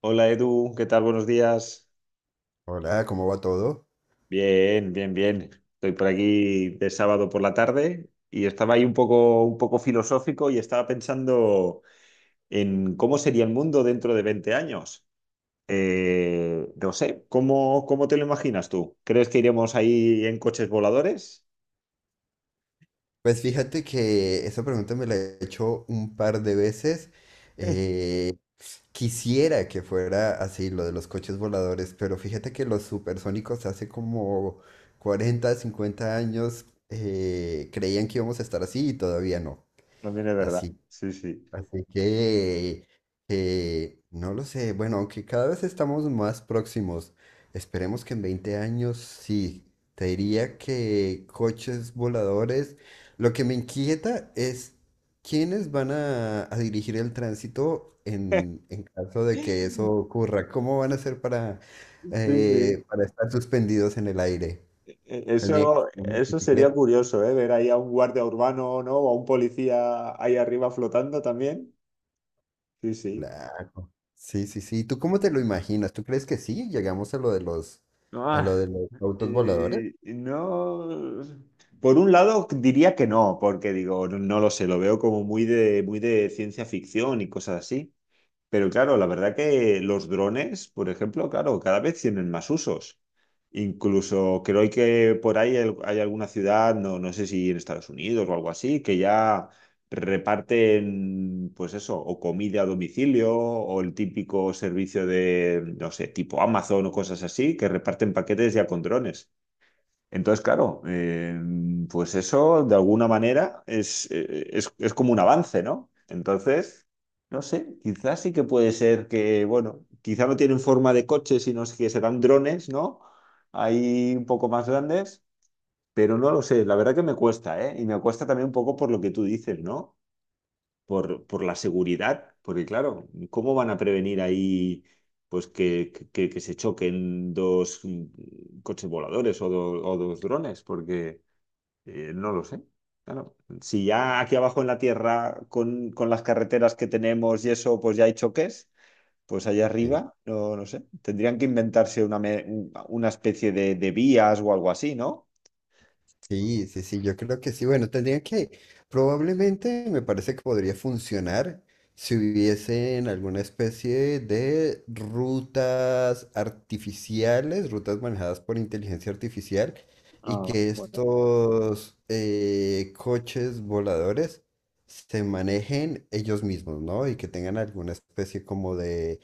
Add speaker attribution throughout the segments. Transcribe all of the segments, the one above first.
Speaker 1: Hola Edu, ¿qué tal? Buenos días.
Speaker 2: Hola, ¿cómo va todo?
Speaker 1: Bien, bien, bien. Estoy por aquí de sábado por la tarde y estaba ahí un poco filosófico y estaba pensando en cómo sería el mundo dentro de 20 años. No sé, ¿cómo te lo imaginas tú? ¿Crees que iremos ahí en coches voladores?
Speaker 2: Pues fíjate que esa pregunta me la he hecho un par de veces. Eh, Quisiera que fuera así lo de los coches voladores, pero fíjate que los supersónicos hace como 40, 50 años creían que íbamos a estar así y todavía no.
Speaker 1: También es verdad.
Speaker 2: Así
Speaker 1: Sí, sí.
Speaker 2: Así que, no lo sé. Bueno, aunque cada vez estamos más próximos, esperemos que en 20 años sí. Te diría que coches voladores. Lo que me inquieta es quiénes van a dirigir el tránsito en caso de que eso ocurra. ¿Cómo van a hacer para,
Speaker 1: Sí, sí.
Speaker 2: eh, para estar suspendidos en el aire? Tendrían que
Speaker 1: Eso,
Speaker 2: ser una
Speaker 1: eso sería
Speaker 2: motocicleta.
Speaker 1: curioso, ¿eh? Ver ahí a un guardia urbano, ¿no? O a un policía ahí arriba flotando también. Sí, sí.
Speaker 2: Claro. Sí, sí, sí. ¿Tú cómo te lo imaginas? ¿Tú crees que sí? ¿Llegamos a lo de los,
Speaker 1: Ah,
Speaker 2: autos voladores?
Speaker 1: no. Por un lado diría que no, porque digo, no, no lo sé, lo veo como muy de ciencia ficción y cosas así. Pero claro, la verdad que los drones, por ejemplo, claro, cada vez tienen más usos. Incluso creo que por ahí hay alguna ciudad, no, no sé si en Estados Unidos o algo así, que ya reparten, pues eso, o comida a domicilio, o el típico servicio de, no sé, tipo Amazon o cosas así, que reparten paquetes ya con drones. Entonces, claro, pues eso de alguna manera es como un avance, ¿no? Entonces, no sé, quizás sí que puede ser que, bueno, quizá no tienen forma de coche, sino es que serán drones, ¿no? Ahí un poco más grandes, pero no lo sé, la verdad que me cuesta, ¿eh? Y me cuesta también un poco por lo que tú dices, ¿no? Por la seguridad, porque claro, ¿cómo van a prevenir ahí pues que se choquen dos coches voladores o dos drones? Porque no lo sé. Claro, si ya aquí abajo en la Tierra, con las carreteras que tenemos y eso, pues ya hay choques, pues allá
Speaker 2: Sí.
Speaker 1: arriba, no, no sé, tendrían que inventarse una especie de vías o algo así, ¿no?
Speaker 2: Sí, sí, sí, yo creo que sí. Bueno, probablemente me parece que podría funcionar si hubiesen alguna especie de rutas artificiales, rutas manejadas por inteligencia artificial, y
Speaker 1: Ah,
Speaker 2: que
Speaker 1: bueno.
Speaker 2: estos coches voladores se manejen ellos mismos, ¿no? Y que tengan alguna especie como de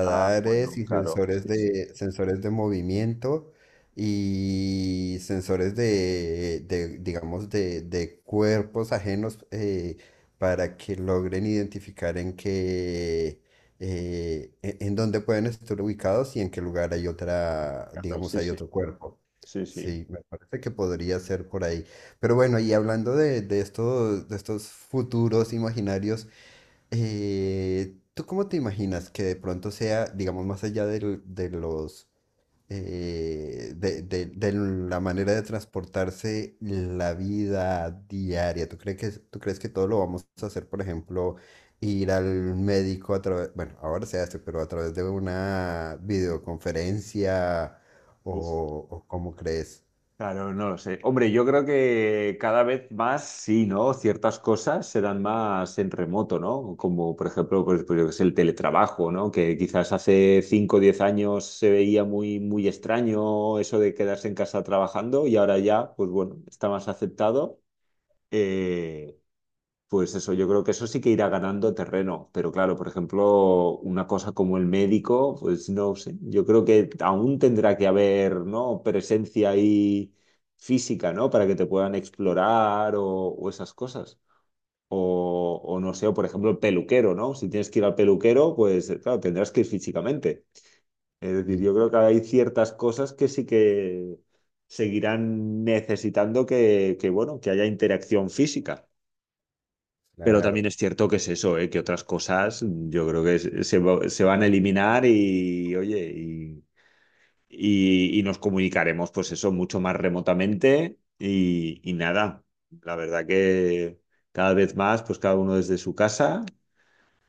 Speaker 1: Ah, bueno,
Speaker 2: y
Speaker 1: claro, sí, sí,
Speaker 2: sensores de movimiento y sensores digamos, de cuerpos ajenos para que logren identificar en dónde pueden estar ubicados y en qué lugar hay
Speaker 1: claro,
Speaker 2: digamos,
Speaker 1: sí,
Speaker 2: hay
Speaker 1: sí,
Speaker 2: otro cuerpo.
Speaker 1: sí, sí.
Speaker 2: Sí, me parece que podría ser por ahí. Pero bueno, y hablando de estos futuros imaginarios, ¿tú cómo te imaginas que de pronto sea, digamos, más allá de la manera de transportarse la vida diaria. ¿Tú crees que todo lo vamos a hacer, por ejemplo, ir al médico a través, bueno, ahora se hace, pero a través de una videoconferencia
Speaker 1: Uf.
Speaker 2: o cómo crees?
Speaker 1: Claro, no lo sé. Hombre, yo creo que cada vez más sí, ¿no? Ciertas cosas se dan más en remoto, ¿no? Como por ejemplo, pues yo qué sé, el teletrabajo, ¿no? Que quizás hace 5 o 10 años se veía muy, muy extraño eso de quedarse en casa trabajando y ahora ya, pues bueno, está más aceptado. Eh, pues eso, yo creo que eso sí que irá ganando terreno, pero claro, por ejemplo, una cosa como el médico, pues no sé, yo creo que aún tendrá que haber, ¿no? Presencia ahí física, ¿no? Para que te puedan explorar o esas cosas. O no sé, o por ejemplo, el peluquero, ¿no? Si tienes que ir al peluquero, pues claro, tendrás que ir físicamente. Es decir,
Speaker 2: Sí,
Speaker 1: yo creo que hay ciertas cosas que sí que seguirán necesitando que bueno, que haya interacción física. Pero
Speaker 2: claro.
Speaker 1: también es cierto que es eso, ¿eh? Que otras cosas yo creo que se van a eliminar y, oye, y nos comunicaremos, pues eso, mucho más remotamente y nada, la verdad que cada vez más, pues cada uno desde su casa,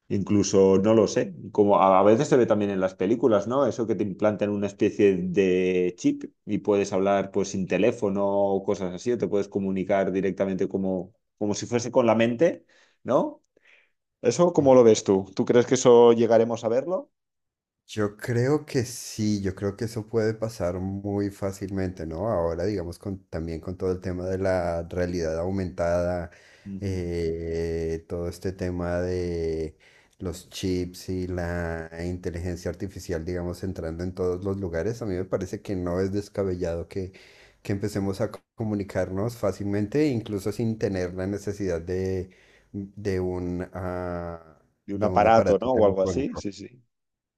Speaker 1: incluso, no lo sé, como a veces se ve también en las películas, ¿no? Eso que te implantan una especie de chip y puedes hablar pues sin teléfono o cosas así, o te puedes comunicar directamente como si fuese con la mente, ¿no? ¿Eso
Speaker 2: Sí.
Speaker 1: cómo lo ves tú? ¿Tú crees que eso llegaremos a verlo?
Speaker 2: Yo creo que sí, yo creo que eso puede pasar muy fácilmente, ¿no? Ahora, digamos, con, también con todo el tema de la realidad aumentada,
Speaker 1: Ujú.
Speaker 2: todo este tema de los chips y la inteligencia artificial, digamos, entrando en todos los lugares, a mí me parece que no es descabellado que empecemos a comunicarnos fácilmente, incluso sin tener la necesidad de un, ah,
Speaker 1: De un
Speaker 2: de un
Speaker 1: aparato,
Speaker 2: aparato
Speaker 1: ¿no? O algo así.
Speaker 2: telefónico.
Speaker 1: Sí, sí.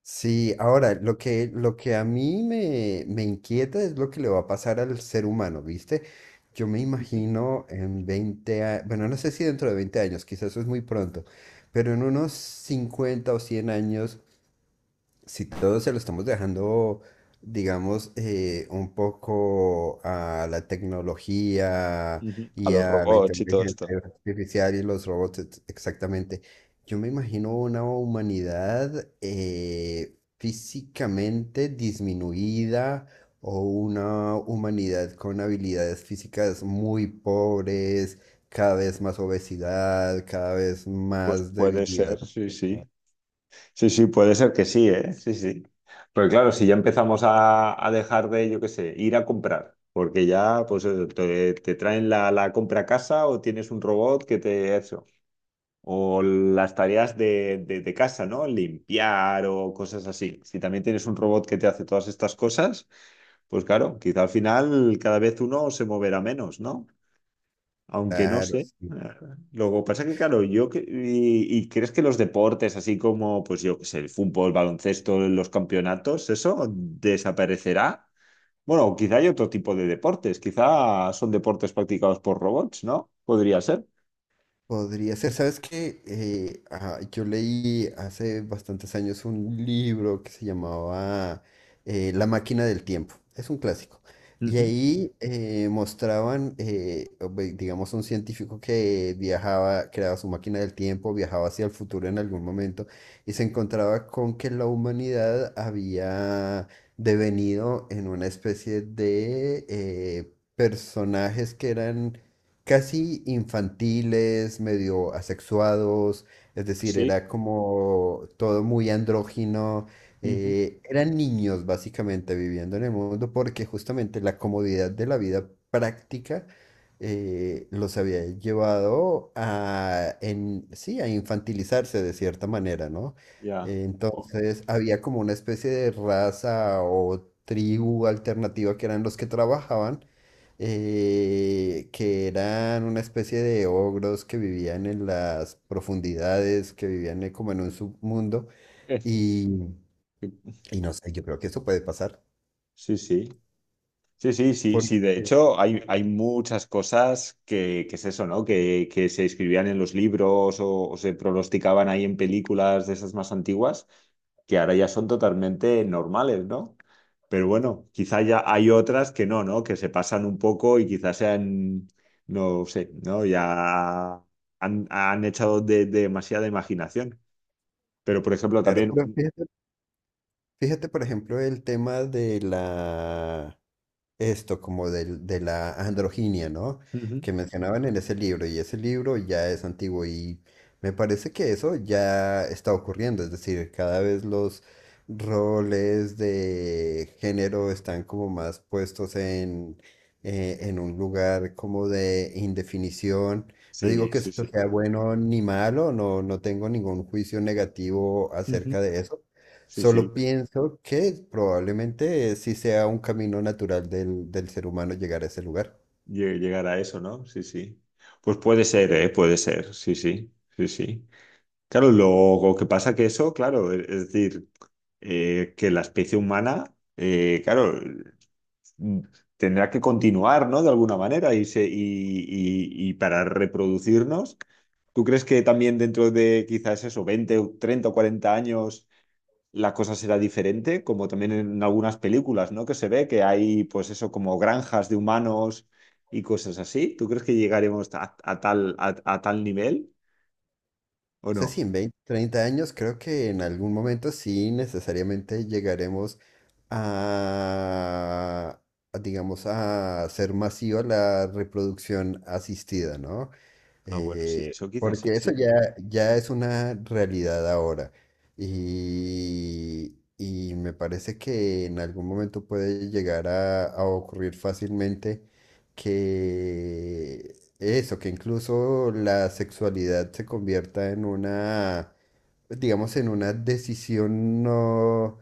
Speaker 2: Sí, ahora, lo que a mí me inquieta es lo que le va a pasar al ser humano, ¿viste? Yo me
Speaker 1: Ujú.
Speaker 2: imagino en veinte años, bueno, no sé si dentro de 20 años, quizás eso es muy pronto, pero en unos 50 o 100 años, si todo se lo estamos dejando, digamos, un poco a la tecnología
Speaker 1: Ujú. A
Speaker 2: y
Speaker 1: los
Speaker 2: a la
Speaker 1: robots y todo esto.
Speaker 2: inteligencia artificial y los robots, exactamente, yo me imagino una humanidad físicamente disminuida o una humanidad con habilidades físicas muy pobres, cada vez más obesidad, cada vez
Speaker 1: Pues
Speaker 2: más
Speaker 1: puede
Speaker 2: debilidad.
Speaker 1: ser, sí, sí. Sí, sí, puede ser que sí, ¿eh? Sí, sí. Pero claro, si ya empezamos a dejar de, yo qué sé, ir a comprar, porque ya pues te traen la compra a casa o tienes un robot que te eso. O las tareas de casa, ¿no? Limpiar o cosas así. Si también tienes un robot que te hace todas estas cosas. Pues claro, quizá al final cada vez uno se moverá menos, ¿no? Aunque no
Speaker 2: Claro,
Speaker 1: sé.
Speaker 2: sí.
Speaker 1: Luego pasa que, claro, y crees que los deportes, así como, pues yo qué sé, el fútbol, el baloncesto, los campeonatos, ¿eso desaparecerá? Bueno, quizá hay otro tipo de deportes, quizá son deportes practicados por robots, ¿no? Podría ser.
Speaker 2: Podría ser, ¿sabes qué? Yo leí hace bastantes años un libro que se llamaba La máquina del tiempo. Es un clásico. Y
Speaker 1: Ujú.
Speaker 2: ahí mostraban, digamos, un científico que viajaba, creaba su máquina del tiempo, viajaba hacia el futuro en algún momento y se encontraba con que la humanidad había devenido en una especie de personajes que eran casi infantiles, medio asexuados, es decir,
Speaker 1: Así.
Speaker 2: era como todo muy andrógino.
Speaker 1: Ujú.
Speaker 2: Eran niños básicamente viviendo en el mundo porque justamente la comodidad de la vida práctica los había llevado sí, a infantilizarse de cierta manera, ¿no?
Speaker 1: Ya. Jo,
Speaker 2: Entonces había como una especie de raza o tribu alternativa que eran los que trabajaban que eran una especie de ogros que vivían en las profundidades, que vivían como en un submundo.
Speaker 1: eh,
Speaker 2: Y, y no sé, yo creo que eso puede pasar.
Speaker 1: Sí, sí. Sí, sí, sí,
Speaker 2: Porque,
Speaker 1: sí. De hecho, hay muchas cosas que es eso, ¿no? Que se escribían en los libros o se pronosticaban ahí en películas de esas más antiguas, que ahora ya son totalmente normales, ¿no? Pero bueno, quizá ya hay otras que no, ¿no? Que se pasan un poco y quizás sean, no sé, ¿no? Ya han echado de demasiada imaginación. Pero, por ejemplo,
Speaker 2: claro,
Speaker 1: también...
Speaker 2: pero fíjate, por ejemplo, el tema de la, esto como del- de, la androginia, ¿no?
Speaker 1: Ujú.
Speaker 2: Que mencionaban en ese libro y ese libro ya es antiguo y me parece que eso ya está ocurriendo, es decir, cada vez los roles de género están como más puestos en un lugar como de indefinición. No digo
Speaker 1: Sí,
Speaker 2: que
Speaker 1: sí,
Speaker 2: esto
Speaker 1: sí.
Speaker 2: sea bueno ni malo, no, no tengo ningún juicio negativo
Speaker 1: Ujú.
Speaker 2: acerca de eso.
Speaker 1: Sí, sí.
Speaker 2: Solo pienso que probablemente sí sea un camino natural del ser humano llegar a ese lugar.
Speaker 1: Llegar a eso, ¿no? Sí, sí. Pues puede ser, ¿eh? Puede ser, sí, sí, sí, sí. Claro, lo que pasa que eso, claro, es decir, que la especie humana, claro, mm, tendrá que continuar, ¿no? De alguna manera y, y para reproducirnos, ¿tú crees que también dentro de quizás eso, 20 o 30 o 40 años la cosa será diferente, como también en algunas películas, ¿no? Que se ve que hay, pues eso, como granjas de humanos y cosas así. ¿Tú crees que llegaremos a tal nivel o
Speaker 2: O sea, sí,
Speaker 1: no?
Speaker 2: en 20 30 años creo que en algún momento sí necesariamente llegaremos a, digamos, a ser masiva la reproducción asistida, ¿no?
Speaker 1: Ah, bueno, sí,
Speaker 2: Eh,
Speaker 1: eso quizás sí,
Speaker 2: porque
Speaker 1: sí.
Speaker 2: eso ya, ya es una realidad ahora. Y me parece que en algún momento puede llegar a ocurrir fácilmente que eso, que incluso la sexualidad se convierta en digamos, en una decisión no,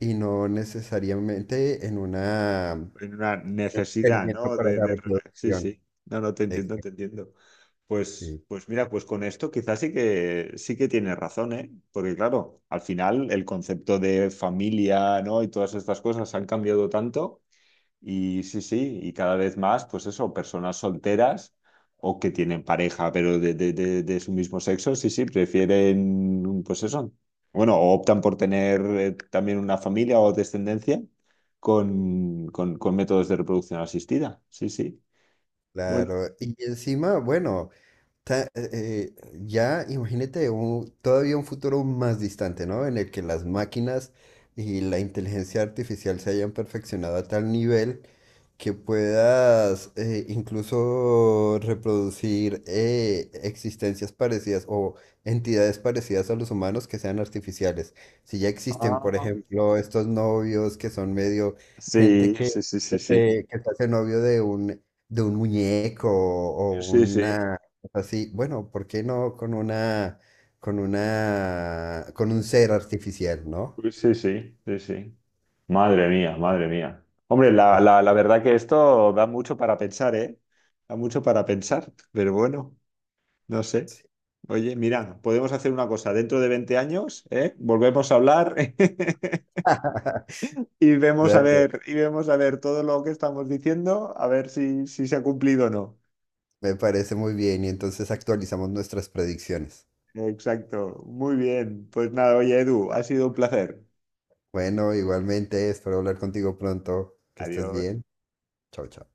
Speaker 2: y no necesariamente en un
Speaker 1: En una necesidad,
Speaker 2: experimento
Speaker 1: ¿no?
Speaker 2: para la
Speaker 1: Sí,
Speaker 2: reproducción.
Speaker 1: sí. No, no, te entiendo, te
Speaker 2: Exacto.
Speaker 1: entiendo. Pues mira, pues con esto quizás sí que tienes razón, ¿eh? Porque claro, al final el concepto de familia, ¿no? Y todas estas cosas han cambiado tanto. Y sí, sí, y cada vez más, pues eso, personas solteras o que tienen pareja, pero de su mismo sexo, sí, sí, prefieren, pues eso, bueno, o optan por tener también una familia o descendencia con métodos de reproducción asistida, sí, sí. Bueno,
Speaker 2: Claro, y encima, bueno, ta- eh, eh, ya imagínate todavía un futuro más distante, ¿no? En el que las máquinas y la inteligencia artificial se hayan perfeccionado a tal nivel que puedas incluso reproducir existencias parecidas o entidades parecidas a los humanos que sean artificiales. Si ya existen, por
Speaker 1: ah,
Speaker 2: ejemplo, estos novios que son medio gente
Speaker 1: sí,
Speaker 2: que,
Speaker 1: sí, sí, sí, sí,
Speaker 2: eh, que se hace novio de un muñeco o
Speaker 1: sí, sí,
Speaker 2: una cosa así, bueno, ¿por qué no con con un ser artificial, ¿no?
Speaker 1: pues sí, sí, sí, sí. Madre mía, madre mía. Hombre, la verdad que esto da mucho para pensar, ¿eh? Da mucho para pensar, pero bueno, no sé. Oye, mira, podemos hacer una cosa. Dentro de 20 años, ¿eh? Volvemos a hablar y vemos a ver, y vemos a ver todo lo que estamos diciendo, a ver si se ha cumplido o no.
Speaker 2: Me parece muy bien y entonces actualizamos nuestras predicciones.
Speaker 1: Exacto. Muy bien. Pues nada, oye, Edu, ha sido un placer.
Speaker 2: Bueno, igualmente, espero hablar contigo pronto. Que estés
Speaker 1: Adiós.
Speaker 2: bien. Chao, chao.